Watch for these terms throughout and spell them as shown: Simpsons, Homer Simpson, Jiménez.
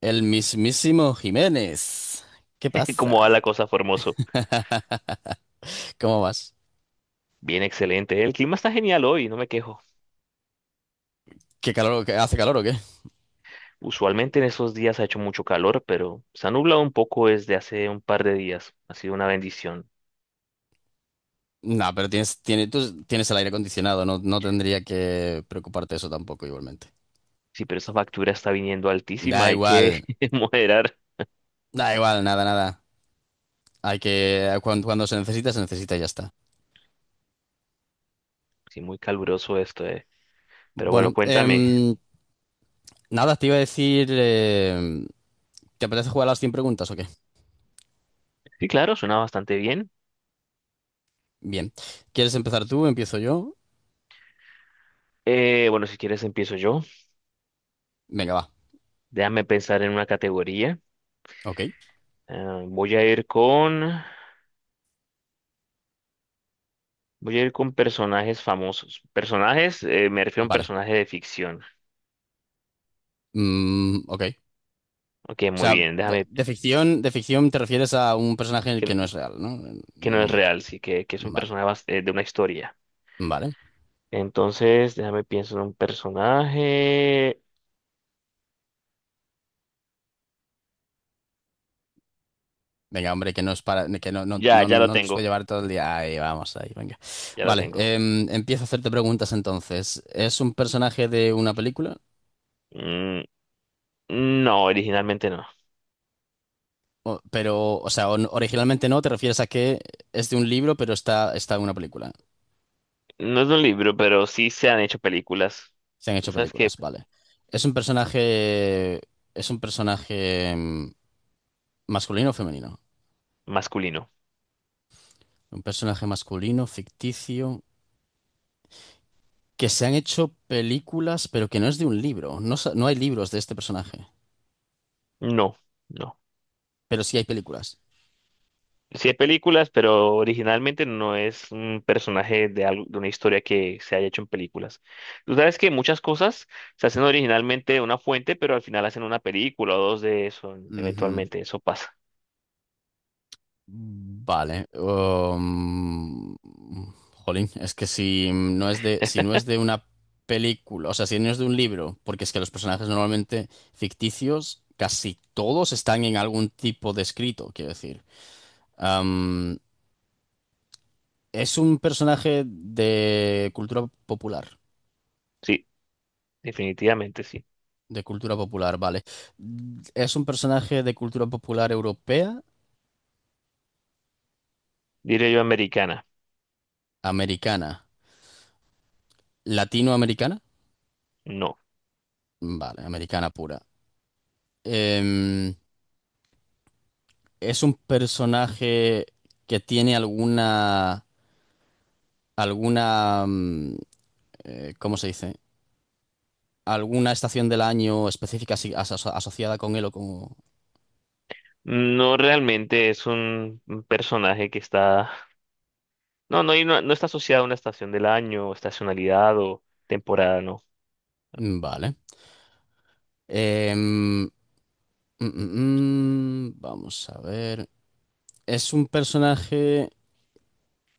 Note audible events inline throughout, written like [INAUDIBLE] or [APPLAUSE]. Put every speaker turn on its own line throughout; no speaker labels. El mismísimo Jiménez. ¿Qué
[LAUGHS]
pasa?
Como va la cosa, fue hermoso.
¿Cómo vas?
Bien, excelente. El clima está genial hoy, no me quejo.
¿Qué calor, hace calor o qué?
Usualmente en esos días ha hecho mucho calor, pero se ha nublado un poco desde hace un par de días. Ha sido una bendición.
No, pero tú tienes el aire acondicionado, no, no tendría que preocuparte eso tampoco igualmente.
Sí, pero esa factura está viniendo altísima,
Da
hay
igual,
que [LAUGHS] moderar.
da igual, nada, nada. Hay que, cuando, se necesita y ya está.
Sí, muy caluroso esto, eh. Pero bueno,
Bueno,
cuéntame.
nada, te iba a decir, ¿te apetece jugar a las 100 preguntas o qué?
Sí, claro, suena bastante bien.
Bien. ¿Quieres empezar tú? ¿Empiezo yo?
Bueno, si quieres empiezo yo.
Venga, va.
Déjame pensar en una categoría.
Ok,
Ah, Voy a ir con personajes famosos. Personajes, me refiero a un
vale.
personaje de ficción.
Ok.
Ok,
O
muy
sea,
bien, déjame,
de ficción te refieres a un personaje que
que,
no es real, ¿no? En
que no
ningún
es
momento.
real, sí, que es un
Vale,
personaje de una historia.
vale.
Entonces, déjame pienso en un personaje.
Venga, hombre, que no es para, que no, no,
Ya,
no,
ya lo
no nos va a
tengo,
llevar todo el día. Ahí vamos, ahí, venga.
ya lo
Vale,
tengo.
empiezo a hacerte preguntas entonces. ¿Es un personaje de una película?
Mm, no, originalmente no.
O- pero, o sea, originalmente no, te refieres a que es de un libro, pero está en una película.
No es un libro, pero sí se han hecho películas.
Se han
Tú
hecho
sabes que
películas, vale. ¿Es un personaje, ¿es un personaje masculino o femenino?
masculino.
Un personaje masculino, ficticio. Que se han hecho películas, pero que no es de un libro. No, no hay libros de este personaje,
No, no.
pero sí hay películas.
Sí hay películas, pero originalmente no es un personaje de algo, de una historia que se haya hecho en películas. Tú sabes que muchas cosas se hacen originalmente de una fuente, pero al final hacen una película o dos de eso,
Ujú.
eventualmente eso pasa.
Vale. Jolín, es que si no es de una película, o sea, si no es de un libro, porque es que los personajes normalmente ficticios, casi todos están en algún tipo de escrito, quiero decir. Am, es un personaje de cultura popular.
Sí, definitivamente sí.
De cultura popular, vale. ¿Es un personaje de cultura popular europea,
Diré yo americana.
americana, latinoamericana?
No.
Vale, americana pura. Em, ¿Es un personaje que tiene alguna, alguna, mm, ¿cómo se dice? ¿Alguna estación del año específica asociada con él o con...
No realmente es un personaje que está. No, no, y no, no está asociado a una estación del año, o estacionalidad o temporada, no.
Vale. Em, vamos a ver. ¿Es un personaje...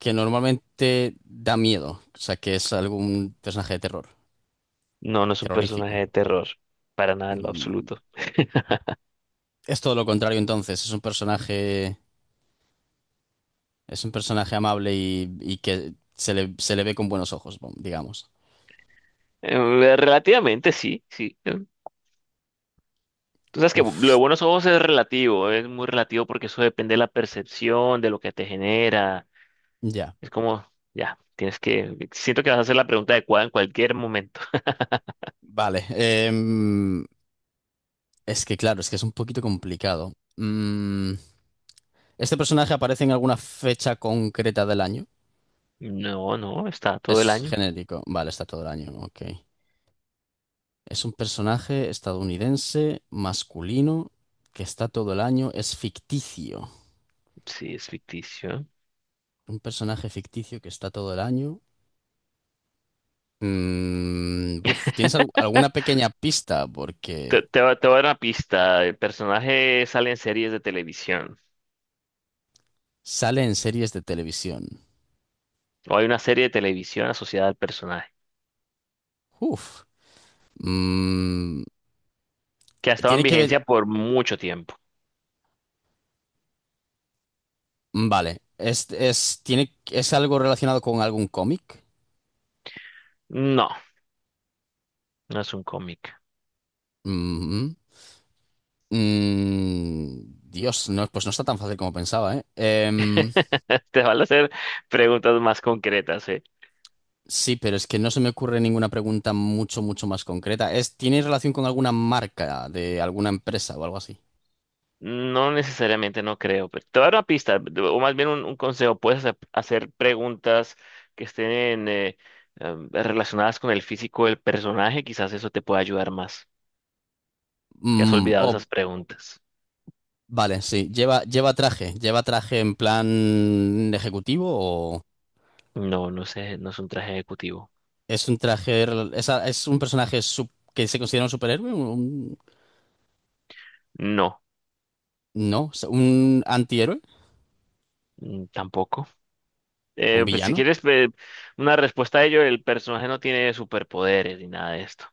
que normalmente da miedo, o sea, que es algún personaje de terror,
No, no es un personaje
terrorífico.
de terror. Para nada en lo
Mm,
absoluto. [LAUGHS]
Es todo lo contrario entonces, es un personaje amable y, que se le ve con buenos ojos, bom, digamos.
Eh, Relativamente sí, sí, eh. Tú sabes que lo de
Uf,
buenos ojos es relativo, es muy relativo porque eso depende de la percepción, de lo que te genera.
ya,
Es como, ya, tienes que, siento que vas a hacer la pregunta adecuada en cualquier momento.
vale. Es que claro, es que es un poquito complicado. ¿Este personaje aparece en alguna fecha concreta del año?
No, no, está todo el
Es
año.
genérico, vale, está todo el año, ok. Es un personaje estadounidense, masculino, que está todo el año, es ficticio.
Sí, es ficticio.
Un personaje ficticio que está todo el año. Buf, ¿tienes
[LAUGHS]
alguna pequeña pista?
Te,
Porque
te, va- te voy a dar una pista. El personaje sale en series de televisión.
sale en series de televisión.
O hay una serie de televisión asociada al personaje,
Uf. Mm,
que ha estado en
tiene que ver.
vigencia por mucho tiempo.
Vale. Es algo relacionado con algún cómic.
No, no es un cómic.
Mm, mm. Mm, Dios, no, pues no está tan fácil como pensaba, ¿eh?
[LAUGHS] Te van a hacer preguntas más concretas, ¿eh?
Sí, pero es que no se me ocurre ninguna pregunta mucho, mucho más concreta. Es, ¿tiene relación con alguna marca de alguna empresa o algo así?
No necesariamente, no creo, pero te voy a dar una pista, o más bien un consejo. Puedes hacer preguntas que estén relacionadas con el físico del personaje, quizás eso te pueda ayudar más. ¿Te has olvidado
Oh,
esas preguntas?
vale, sí. Lleva, lleva traje. ¿Lleva traje en plan ejecutivo o
No, no sé, no es un traje ejecutivo.
es un traje, es un personaje que se considera un superhéroe? ¿Un,
No,
no, un antihéroe,
tampoco.
un
Pues si
villano?
quieres una respuesta a ello, el personaje no tiene superpoderes ni nada de esto.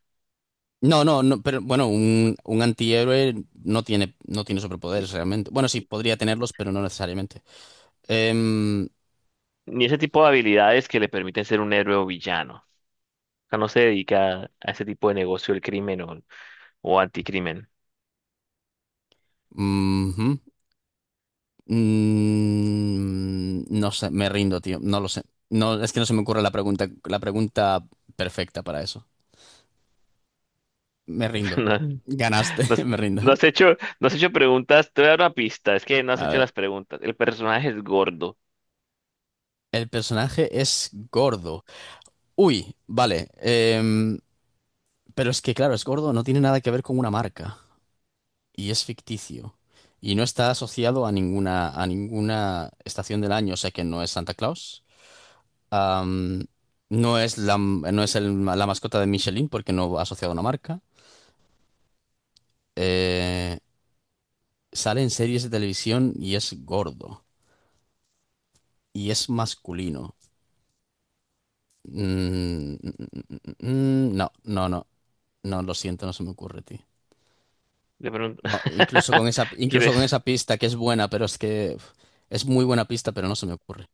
No, no, no, pero bueno, un antihéroe no tiene, no tiene superpoderes realmente. Bueno, sí, podría tenerlos, pero no necesariamente.
Ni ese tipo de habilidades que le permiten ser un héroe o villano. O sea, no se dedica a ese tipo de negocio del crimen o anticrimen.
Eh, no sé, me rindo, tío. No lo sé. No, es que no se me ocurre la pregunta perfecta para eso. Me rindo.
[LAUGHS] No. Mm.
Ganaste,
no
[LAUGHS]
has
me rindo.
no has hecho preguntas. Te voy a dar una pista. Es que no has
A
hecho
ver.
las preguntas. El personaje es gordo.
El personaje es gordo. Uy, vale. em, pero es que, claro, es gordo, no tiene nada que ver con una marca. Y es ficticio. Y no está asociado a ninguna estación del año, o sea que no es Santa Claus. Am, no es la, no es la mascota de Michelin porque no va asociado a una marca. eh, Sale en series de televisión y es gordo y es masculino. No, no, no, no, lo siento, no se me ocurre, tío.
De pronto.
No,
[LAUGHS]
incluso
¿Quieres?
con esa pista que es buena, pero es que uf, es muy buena pista, pero no se me ocurre.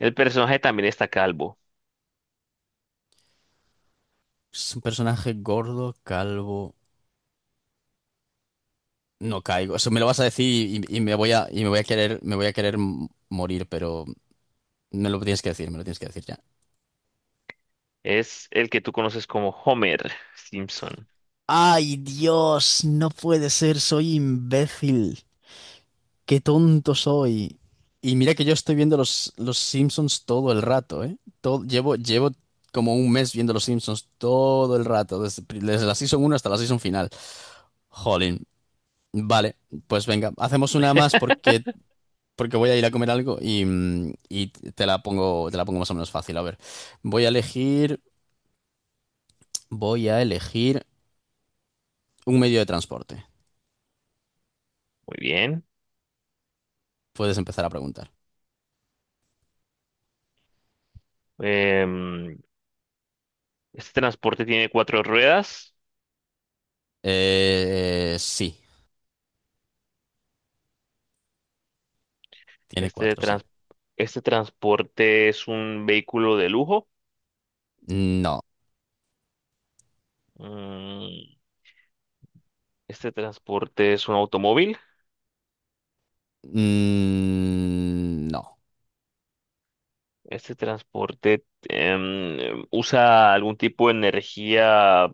El personaje también está calvo.
Es un personaje gordo, calvo. No caigo. Eso me lo vas a decir y, y me voy a querer, me voy a querer morir, pero me lo tienes que decir, me lo tienes que decir ya.
Es el que tú conoces como Homer Simpson.
Ay, Dios, no puede ser, soy imbécil. Qué tonto soy. Y mira que yo estoy viendo los Simpsons todo el rato, ¿eh? Todo, llevo, llevo como un mes viendo los Simpsons todo el rato, desde, desde la season uno hasta la season final. Jolín. Vale, pues venga, hacemos una más
[LAUGHS]
porque, porque voy a ir a comer algo y, y te la pongo más o menos fácil. A ver, voy a elegir, voy a elegir un medio de transporte.
Muy bien.
Puedes empezar a preguntar.
Em, este transporte tiene cuatro ruedas.
Sí, tiene
Este,
cuatro, sí.
trans- este transporte es un vehículo de lujo.
No,
Mm, Este transporte es un automóvil.
No,
Este transporte usa algún tipo de energía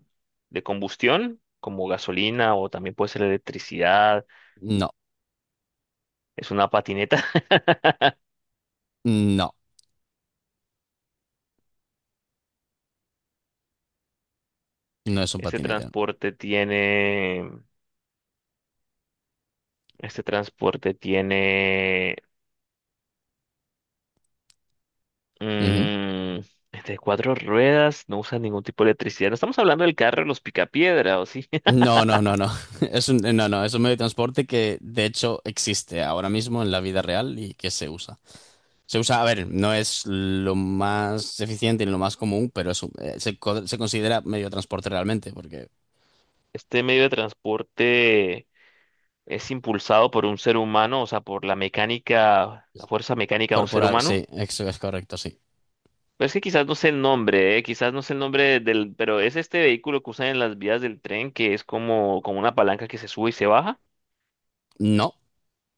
de combustión, como gasolina o también puede ser electricidad.
no,
Es una patineta. [LAUGHS]
no, no es un
Este
patinete.
transporte tiene, este transporte tiene
Ujú.
mm, cuatro ruedas. No usa ningún tipo de electricidad. No estamos hablando del carro, de los picapiedra, ¿o sí?
No, no, no, no. [LAUGHS] Es un, no, no, es un medio de transporte que de hecho existe ahora mismo en la vida real y que se usa. Se usa, a ver, no es lo más eficiente ni lo más común, pero es se considera medio de transporte realmente, porque
[LAUGHS] Este medio de transporte es impulsado por un ser humano, o sea, por la mecánica, la
es
fuerza mecánica de un ser
corporal,
humano.
sí, eso es correcto, sí.
Pero es que quizás no sé el nombre, quizás no sé el nombre del, pero es este vehículo que usan en las vías del tren que es como una palanca que se sube y se baja.
No,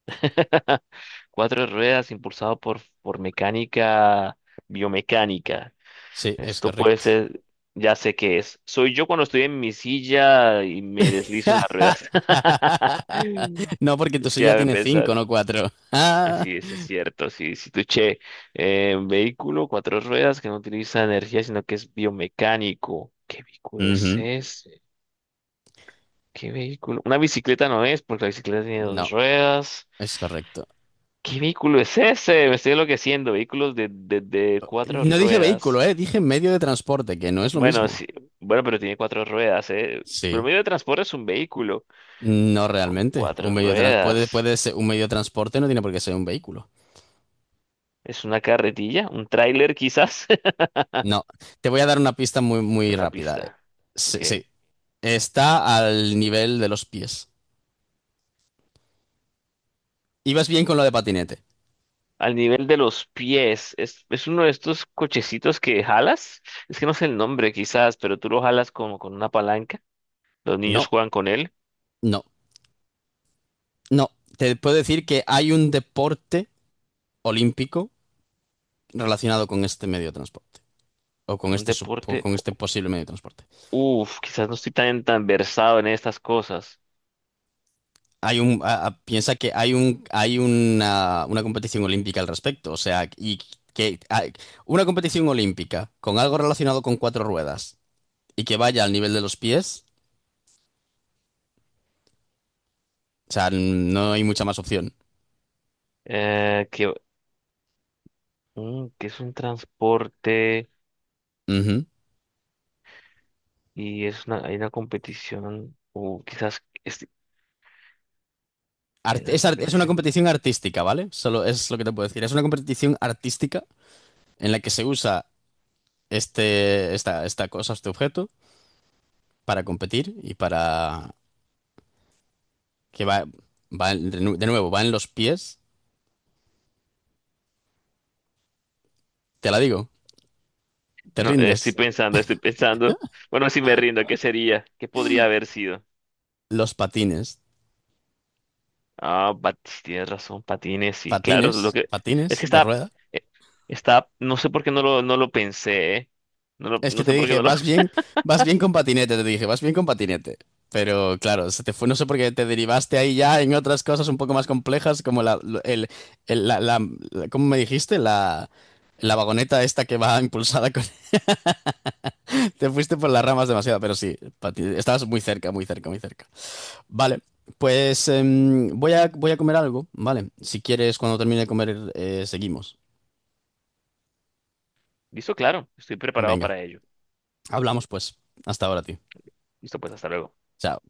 [LAUGHS] Cuatro ruedas impulsado por mecánica biomecánica.
sí, es
Esto puede
correcto.
ser, ya sé qué es. Soy yo cuando estoy en mi silla y me deslizo en las ruedas.
[LAUGHS]
[LAUGHS]
No, porque tu
Es que
silla
ya me
tiene cinco,
pensar.
no cuatro. [LAUGHS]
Así es cierto. Si tu vehículo, cuatro ruedas que no utiliza energía, sino que es biomecánico. ¿Qué vehículo es
Ujú.
ese? ¿Qué vehículo? Una bicicleta no es, porque la bicicleta tiene
No,
dos ruedas.
es correcto.
¿Qué vehículo es ese? Me estoy enloqueciendo. Vehículos de cuatro
No dije vehículo,
ruedas.
dije medio de transporte, que no es lo
Bueno, sí,
mismo.
bueno, pero tiene cuatro ruedas, ¿eh? Pero
Sí.
medio de transporte es un vehículo
No
con
realmente. Un
cuatro
medio de
ruedas.
puede ser un medio de transporte, no tiene por qué ser un vehículo.
¿Es una carretilla? ¿Un tráiler quizás?
No. Te voy a dar una pista muy,
[LAUGHS]
muy
Una
rápida.
pista.
Sí,
Ok.
sí. Está al nivel de los pies. Ibas bien con lo de patinete.
Al nivel de los pies. Es uno de estos cochecitos que jalas. Es que no sé el nombre quizás, pero tú lo jalas como con una palanca. Los niños
No,
juegan con él.
no, no. Te puedo decir que hay un deporte olímpico relacionado con este medio de transporte. O con
Un
o
deporte.
con este posible medio de transporte.
Uf, quizás no estoy tan, tan versado en estas cosas.
Hay un, piensa que hay hay una competición olímpica al respecto, o sea, y que hay una competición olímpica con algo relacionado con cuatro ruedas y que vaya al nivel de los pies, o sea, no hay mucha más opción.
Que, que es un transporte
Ujú.
y hay una competición. O quizás hay una
Es una
competición.
competición artística, ¿vale? Solo es lo que te puedo decir. Es una competición artística en la que se usa esta cosa, este objeto, para competir y para que va, de nuevo, va en los pies. Te la digo, te
No, estoy
rindes.
pensando, estoy pensando. Bueno, si me rindo, ¿qué sería? ¿Qué podría haber sido?
Los patines.
Ah, tienes razón, patines, sí, claro, lo
Patines,
que
patines
es que
de rueda.
eh, está, no sé por qué no lo pensé, ¿eh? No lo-
Es que
no
te
sé por qué
dije,
no lo. [LAUGHS]
vas bien con patinete, te dije, vas bien con patinete. Pero claro, se te fue, no sé por qué te derivaste ahí ya en otras cosas un poco más complejas, como la, lo- el- la- la- ¿cómo me dijiste? La vagoneta esta que va impulsada con... [LAUGHS] Te fuiste por las ramas demasiado, pero sí, estabas muy cerca, muy cerca, muy cerca. Vale, pues voy a, voy a comer algo, ¿vale? Si quieres, cuando termine de comer, seguimos.
Listo, claro, estoy preparado
Venga,
para ello.
hablamos pues. Hasta ahora, tío.
Listo, pues hasta luego.
Chao.